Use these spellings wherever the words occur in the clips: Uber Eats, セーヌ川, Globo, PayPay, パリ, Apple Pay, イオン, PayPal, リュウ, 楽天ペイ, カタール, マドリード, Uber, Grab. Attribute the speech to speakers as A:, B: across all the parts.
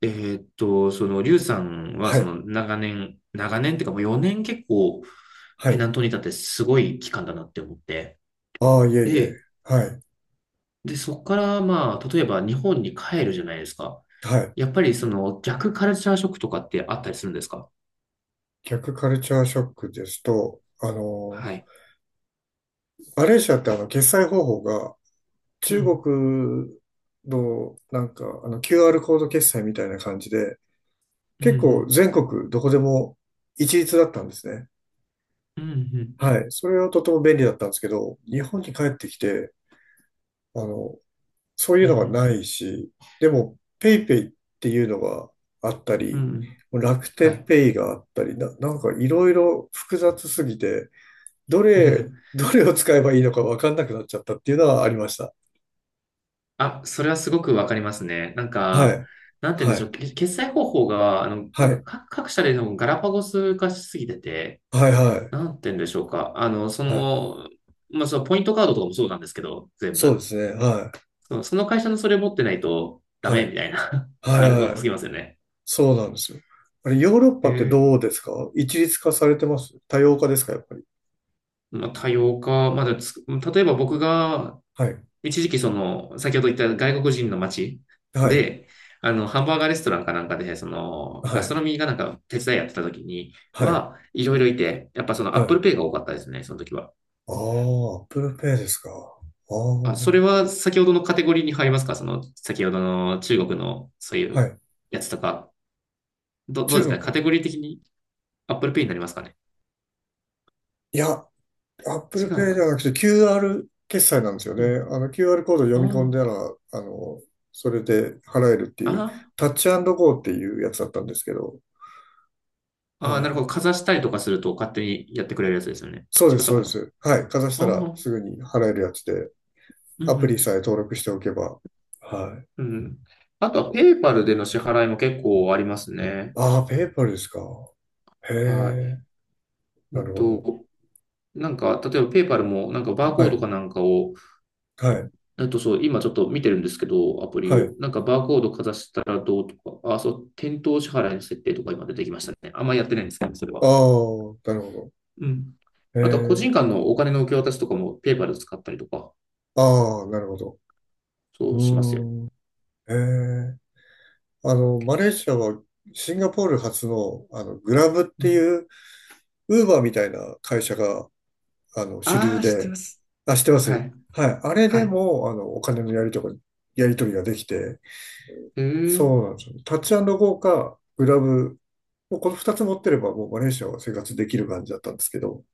A: リュウさんは、
B: はい、
A: 長年、長年っていうか、もう4年結構、
B: は
A: ペナ
B: い。
A: ントに立ってすごい期間だなって思って。
B: ああ、いえいえ。
A: で、
B: はい、
A: で、そこから、まあ、例えば日本に帰るじゃないですか。
B: はい。
A: やっぱり、逆カルチャーショックとかってあったりするんですか？
B: 逆カルチャーショックですと、
A: はい。
B: マレーシアって決済方法が
A: う
B: 中
A: ん。
B: 国のなんか、QR コード決済みたいな感じで、
A: うん、う
B: 結構
A: ん。
B: 全国どこでも一律だったんですね。
A: うん、うん。
B: はい。それはとても便利だったんですけど、日本に帰ってきて、あの、そうい
A: う
B: う
A: ん、う
B: のが
A: ん。
B: ないし、でも、ペイペイっていうのがあった
A: うん
B: り、
A: うん。
B: 楽
A: は
B: 天
A: い。
B: ペイがあったり、なんかいろいろ複雑すぎて、どれを使えばいいのかわかんなくなっちゃったっていうのはありました。
A: あ、それはすごくわかりますね。なん
B: は
A: か、
B: い。
A: なんて言うん
B: は
A: でしょう。
B: い。
A: け決済方法が、な
B: は
A: んか
B: い。
A: 各、各社でのガラパゴス化しすぎてて、
B: はい。は
A: な
B: い。
A: んて言うんでしょうか。
B: はい。
A: まあ、そのポイントカードとかもそうなんですけど、全
B: そうで
A: 部。
B: すね。はい。
A: その、その会社のそれ持ってないとダ
B: は
A: メ
B: い。
A: みたいな。
B: は
A: あ
B: い。
A: れ、多
B: は
A: す
B: い。
A: ぎますよね。
B: そうなんですよ。あれ、ヨーロッ
A: へ
B: パって
A: え。
B: どうですか？一律化されてます多様化ですかやっぱり？
A: まあ、多様化。まだつ、例えば僕が、
B: はい。
A: 一時期その、先ほど言った外国人の街
B: はい。
A: で、ハンバーガーレストランかなんかで、
B: は
A: ガスト
B: い。
A: ロミーがなんか手伝いやってた時に
B: はい。
A: は、いろいろいて、やっぱその
B: は
A: Apple
B: い。
A: Pay が多かったですね、その時は。
B: ああ、Apple Pay ですか。あ
A: あ、そ
B: あ、
A: れは先ほどのカテゴリーに入りますか？その、先ほどの中国のそうい
B: は
A: う
B: い。
A: やつとか、ど、どうです
B: 中
A: かね、カ
B: 国。
A: テゴリー的に Apple Pay になりますかね？
B: いや、
A: 違
B: Apple
A: うの
B: Pay
A: か
B: で
A: な。
B: はなくて QR 決済なんですよ
A: うん。
B: ね。あの QR コード読み込ん
A: あ
B: だら、あの、それで払えるっていう、
A: あ、あ
B: タッチゴーっていうやつだったんですけど、
A: あ、ああ、な
B: は
A: るほど。
B: い。
A: かざしたりとかすると勝手にやってくれるやつですよね。
B: そうで
A: 違っ
B: す、
A: た
B: そう
A: か
B: で
A: な。あ
B: す。はい。かざし
A: あ、
B: た
A: う
B: ら
A: ん、
B: すぐに払えるやつで、
A: う
B: アプリさ
A: ん。
B: え登録しておけば。はい。
A: うん。あとはペイパルでの支払いも結構ありますね。
B: ああ、ペーパルですか。へ
A: は
B: え、
A: い。う
B: なる
A: ん
B: ほど。
A: と、なんか、例えばペイパルもなんかバー
B: は
A: コード
B: い、
A: かなんかを、
B: はい、
A: えっと、そう、今ちょっと見てるんですけど、アプリ
B: は
A: を。
B: い。
A: なんかバーコードかざしたらどうとか、あ、そう、店頭支払いの設定とか今出てきましたね。あんまやってないんですけど、それ
B: ああ、
A: は。
B: なるほど。
A: うん。
B: へ
A: あとは個
B: え。
A: 人間のお金の受け渡しとかもペーパル使ったりとか、
B: ああ、なるほど。
A: そ
B: う
A: うしますよ。
B: ーん。ええ。マレーシアはシンガポール発の、グラブっ
A: う
B: て
A: ん。
B: いう、ウーバーみたいな会社が、主
A: あ
B: 流
A: あ、知ってま
B: で、
A: す。
B: あ、知ってま
A: は
B: す。
A: い。
B: はい。あれ
A: は
B: で
A: い。
B: も、お金のやりとか、やり取りができて、
A: へえ。
B: そうなんですよ。タッチゴーか、グラブ、もうこの二つ持ってれば、もうマレーシアは生活できる感じだったんですけど、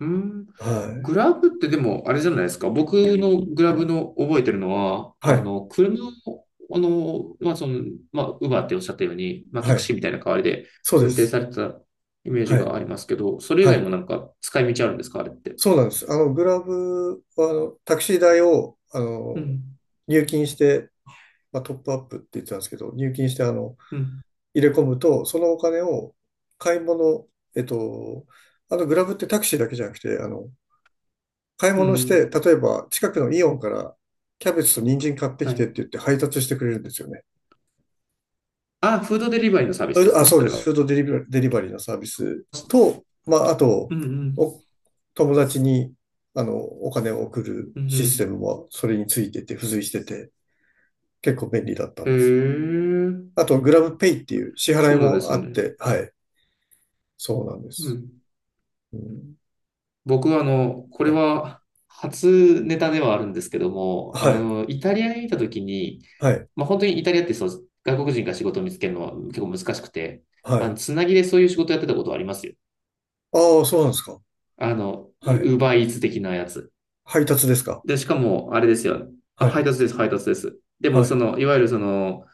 A: うん。
B: はい。
A: グラブってでも、あれじゃないですか。僕のグラブの覚えてるのは、
B: はい。
A: 車を、まあ、ウバーっておっしゃったように、まあ、タ
B: は
A: ク
B: い。
A: シーみたいな代わりで
B: そうで
A: 運転
B: す。
A: されてたイメージ
B: はい。
A: がありますけど、それ以
B: は
A: 外
B: い。
A: もなんか使い道あるんですか、あれって？
B: そうなんです。グラブは、タクシー代を、
A: うん、
B: 入金して、まあ、トップアップって言ってたんですけど、入金して、
A: うん、
B: 入れ込むと、そのお金を買い物、えっと、あの、グラブってタクシーだけじゃなくて、買い
A: う
B: 物して、
A: ん、
B: 例えば、近くのイオンから、キャベツと人参買って
A: は
B: きてって
A: い。
B: 言って配達してくれるんですよね。
A: あ、フードデリバリーのサービ
B: そ
A: ス
B: れ
A: で
B: と、
A: す
B: あ、
A: ね、
B: そう
A: そ
B: で
A: れ
B: す。
A: は。
B: フードデリバリー、デリバリーのサービスと、まあ、あと、
A: うん、うん、
B: お友達に、お金を送る
A: うん、う
B: システ
A: ん。
B: ムもそれについてて、付随してて、結構便利だった
A: へ
B: ん
A: え、
B: です。あと、グラブペイっていう支払い
A: そうなんで
B: も
A: す
B: あっ
A: ね。
B: て、はい。そうなんで
A: う
B: す。
A: ん。
B: うん、
A: 僕はこ
B: は
A: れ
B: い。
A: は初ネタではあるんですけども、
B: はい。
A: イタリアにいた時に、
B: はい。
A: まあ、本当にイタリアってそう外国人が仕事を見つけるのは結構難しくて、
B: はい。
A: つなぎでそういう仕事やってたことはありますよ。
B: ああ、そうなんですか。
A: ウ
B: はい。
A: ーバーイーツ的なやつ。
B: 配達ですか。
A: で、しかも、あれですよ。あ、
B: は
A: 配
B: い。
A: 達です、配達です。でも、
B: はい。
A: いわゆるその、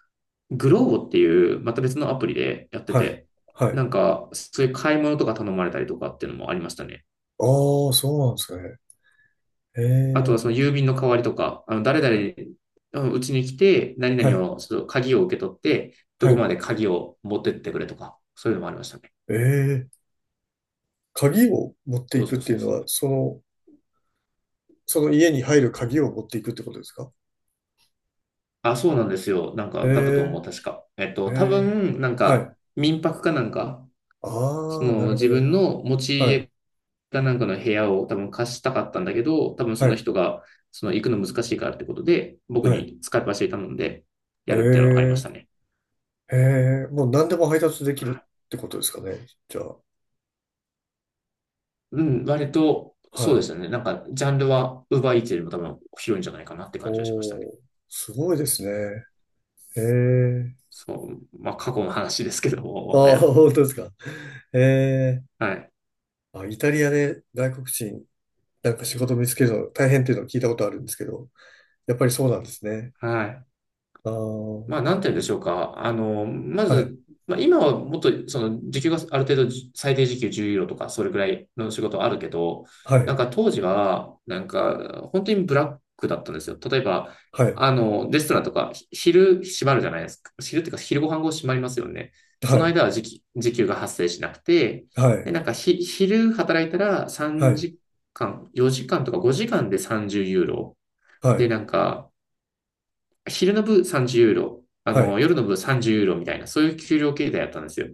A: グローボっていう、また別のアプリでやって
B: はい。
A: て、
B: はい。
A: な
B: あ
A: んか、そういう買い物とか頼まれたりとかっていうのもありましたね。
B: あ、そうなんですかね。え
A: あとは
B: え。
A: その郵便の代わりとか、あの誰々うちに来て、何
B: はい。
A: 々を、その鍵を受け取って、ど
B: は
A: こ
B: い。
A: まで鍵を持ってってくれとか、そういうのもありましたね。
B: ええ。鍵を持って
A: そ
B: い
A: う
B: く
A: そ
B: っ
A: う
B: て
A: そ
B: いう
A: う
B: の
A: そ
B: は、
A: う。
B: その、その家に入る鍵を持っていくってことですか？
A: あ、そうなんですよ。なんか、
B: え
A: だったと思う、確か。えっ
B: え、え
A: と、多
B: え、
A: 分、なん
B: はい。
A: か、民泊かなんか、そ
B: ああ、な
A: の
B: るほ
A: 自
B: ど。
A: 分の持ち
B: はい、
A: 家かなんかの部屋を多分貸したかったんだけど、多分そ
B: は
A: の
B: い、
A: 人が、その行くの難しいからってことで、僕
B: はい。
A: に使い走り頼んで
B: え
A: やるっていうのはありまし
B: え、
A: たね。
B: ええ、もう何でも配達できるってことですかね。じゃあ、
A: うん、割と、
B: は
A: そうで
B: い。
A: すよね。なんか、ジャンルは、ウーバーイーツよりも多分広いんじゃないかなって
B: お
A: 感じはしましたね。
B: お、すごいですね。ええ、
A: そう。まあ、過去の話ですけども、もは
B: ああ、
A: や。
B: 本当ですか。ええ、
A: はい。
B: あ、イタリアで外国人、なんか仕事見つけるの大変っていうのを聞いたことあるんですけど、やっぱりそうなんですね。
A: はい。
B: ああ、
A: まあ、なんて言うんでしょうか。ま
B: はい。
A: ず、まあ、今はもっと、時給がある程度、最低時給10ユーロとか、それぐらいの仕事はあるけど、
B: は
A: なん
B: い、
A: か当時は、なんか、本当にブラックだったんですよ。例えば、
B: はい、
A: レストランとか、ひ昼閉まるじゃないですか。昼っていうか、昼ご飯後閉まりますよね。
B: は
A: その
B: い、
A: 間は時給が発生しなくて、
B: はい、
A: で、なんかひ、昼働いたら
B: は
A: 3
B: い、
A: 時間、4時間とか5時間で30ユーロ。
B: は
A: で、
B: い、
A: なんか、昼の部30ユーロ、あ
B: はい。
A: の、夜の部30ユーロみたいな、そういう給料形態やったんですよ。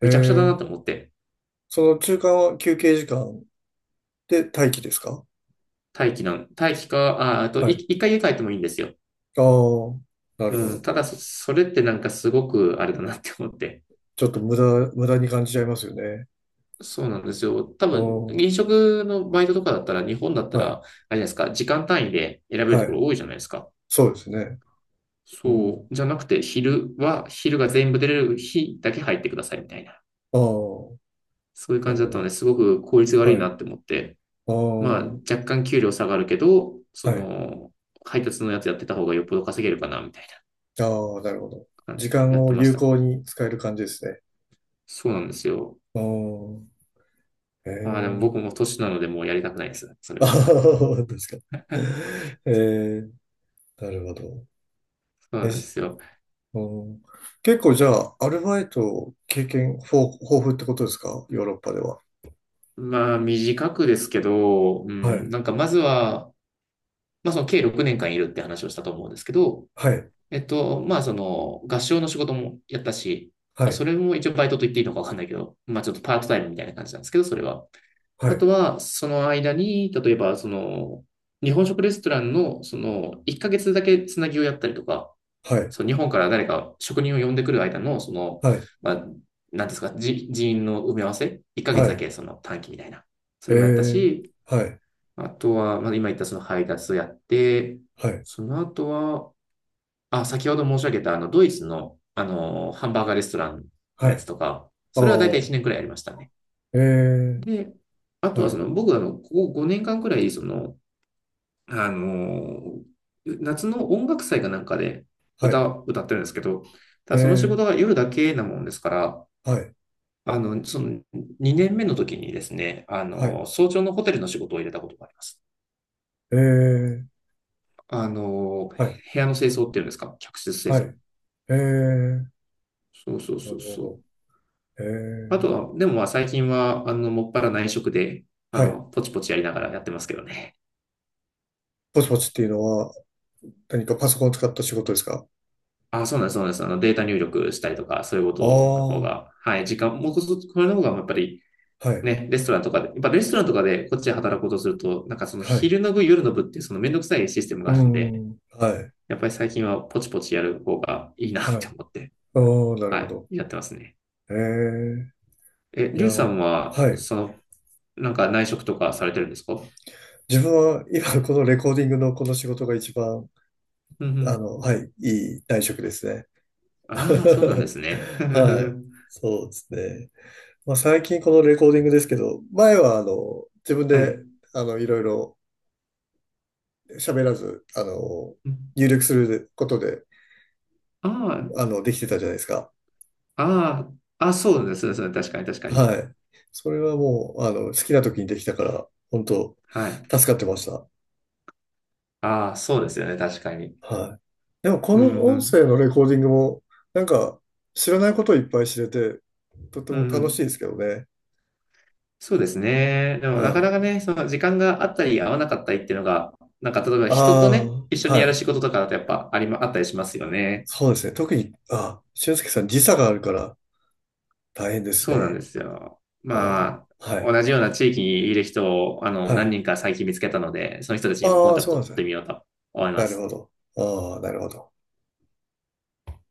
B: え
A: めちゃくちゃだな
B: ー、
A: と思って。
B: その中間は休憩時間で待機ですか？
A: 待機なん、待機か、あ、あと、
B: は
A: い
B: い。
A: 一回家帰ってもいいんですよ。
B: ああ、なるほ
A: うん、
B: ど。
A: ただそ、それってなんかすごくあれだなって思って。
B: ちょっと無駄、無駄に感じちゃいますよね。
A: そうなんですよ。多
B: あ
A: 分、飲
B: あ、
A: 食のバイトとかだったら、日本だった
B: は
A: ら、あ
B: い、
A: れじゃないですか、時間単位で選べる
B: は
A: とこ
B: い。
A: ろ多いじゃないですか。
B: そうですね。う
A: そ
B: ん。
A: う、じゃなくて、昼は、昼が全部出れる日だけ入ってくださいみたいな。
B: ああ、
A: そういう
B: な
A: 感じ
B: る
A: だったの
B: ほ
A: で、すごく効率が
B: ど。
A: 悪い
B: はい。
A: な
B: あ
A: って思って。まあ、
B: あ、
A: 若干給料下がるけど、
B: はい。
A: 配達のやつやってた方がよっぽど稼げるかな、みたい
B: ああ、なるほど。
A: な感
B: 時
A: じでやっ
B: 間を
A: てまし
B: 有
A: たね。
B: 効に使える感じですね。
A: そうなんですよ。
B: ああ、
A: まあでも
B: え
A: 僕
B: え、
A: も年なのでもうやりたくないです、それ
B: あ
A: は。
B: あ、確かに。え え、なるほど。
A: そうな
B: え
A: んですよ。
B: うん、結構じゃあ、アルバイト経験豊富ってことですかヨーロッパでは？
A: まあ短くですけど、う
B: は
A: ん、
B: い。
A: なんかまずは、まあその計6年間いるって話をしたと思うんですけど、
B: はい。
A: えっと、まあその合唱の仕事もやったし、ま
B: は
A: あ
B: い。
A: それも一応バイトと言っていいのかわかんないけど、まあちょっとパートタイムみたいな感じなんですけど、それは。
B: は
A: あと
B: い。
A: は、その間に、例えば、日本食レストランの、1ヶ月だけつなぎをやったりとか、
B: はい。
A: その日本から誰か職人を呼んでくる間の、
B: はい。
A: まあ、なんですか、じ人員の埋め合わせ、1ヶ月
B: は
A: だ
B: い。
A: けその短期みたいな、そ
B: え
A: れもやった
B: ー。
A: し、
B: はい。
A: あとは、まあ、今言ったその配達をやって、
B: はい。
A: その後は、あ、先ほど申し上げた、ドイツの、ハンバーガーレストランの
B: は
A: やつ
B: い。
A: とか、
B: あ
A: それは大体1
B: あ。
A: 年くらいやりましたね。
B: えー。
A: で、あとは
B: は
A: そ
B: い。
A: の僕あの、ここ5年間くらい、あの、夏の音楽祭かなんかで
B: はい。
A: 歌ってるんですけど、た
B: え
A: だその仕
B: ー。
A: 事が夜だけなもんですから、
B: はい。
A: その2年目の時にですね、
B: はい。
A: 早朝のホテルの仕事を入れたことがあります。
B: えー。はい。
A: 部屋の清掃っていうんですか、客室清
B: は
A: 掃。
B: い。えー。
A: そうそう
B: な
A: そ
B: る
A: う
B: ほ
A: そう。
B: ど。え
A: あ
B: ー。
A: とは、でもまあ最近は、もっぱら内職で、
B: はい。
A: ポチポチやりながらやってますけどね。
B: ポチポチっていうのは何かパソコンを使った仕事ですか？
A: あ、そうなんです、そうなんです。データ入力したりとか、そういうこ
B: あ
A: との方
B: あー。
A: が、はい、時間、もうこそ、これの方が、やっぱり、
B: はい。
A: ね、レストランとかで、やっぱレストランとかでこっちで働こうとすると、なんかその
B: はい。
A: 昼の部、夜の部って、そのめんどくさいシステム
B: う
A: が
B: ー
A: あるんで、
B: ん。はい。
A: やっぱり最近はポチポチやる方がいいなっ
B: はい。
A: て思って、
B: ああ、なる
A: は
B: ほど。
A: い、やってますね。
B: ええ、
A: え、
B: い
A: リ
B: や、
A: ュウさんは、
B: はい。
A: なんか内職とかされてるんですか？うん。
B: 自分は今このレコーディングのこの仕事が一番、
A: うん。
B: はい、いい内職ですね。
A: ああ、そうなんで すね。
B: はい。そうですね。まあ最近このレコーディングですけど、前は自分
A: は
B: で、
A: い。
B: いろいろ喋らず、入力することで、
A: あ
B: できてたじゃないですか。
A: あ、ああ、あ、そうですね、そうですね。確かに、確かに。
B: はい。それはもう、好きな時にできたから、本当
A: はい。
B: 助かってました。
A: ああ、そうですよね、確かに。
B: はい。でも、こ
A: うんう
B: の音
A: ん。
B: 声のレコーディングも、なんか、知らないことをいっぱい知れて、とて
A: うん
B: も
A: う
B: 楽しいで
A: ん。
B: すけどね。
A: そうですね。でもなか
B: は
A: な
B: い。
A: かね、その時間があったり合わなかったりっていうのが、なんか例えば
B: あ
A: 人とね、一緒
B: あ、
A: に
B: は
A: やる仕
B: い。
A: 事とかだとやっぱありま、あったりしますよね。
B: そうですね。特に、あ、俊介さん時差があるから大変です
A: そうなんで
B: ね。
A: すよ。
B: あ
A: まあ、
B: あ、はい。
A: 同じような地域にいる人を、
B: は
A: 何
B: い。
A: 人か最近見つけたので、その人たちにもコ
B: あ
A: ン
B: あ、
A: タク
B: そう
A: ト
B: なんで
A: 取っ
B: すね。
A: てみようと思い
B: な
A: ま
B: る
A: す。
B: ほど。ああ、なるほど。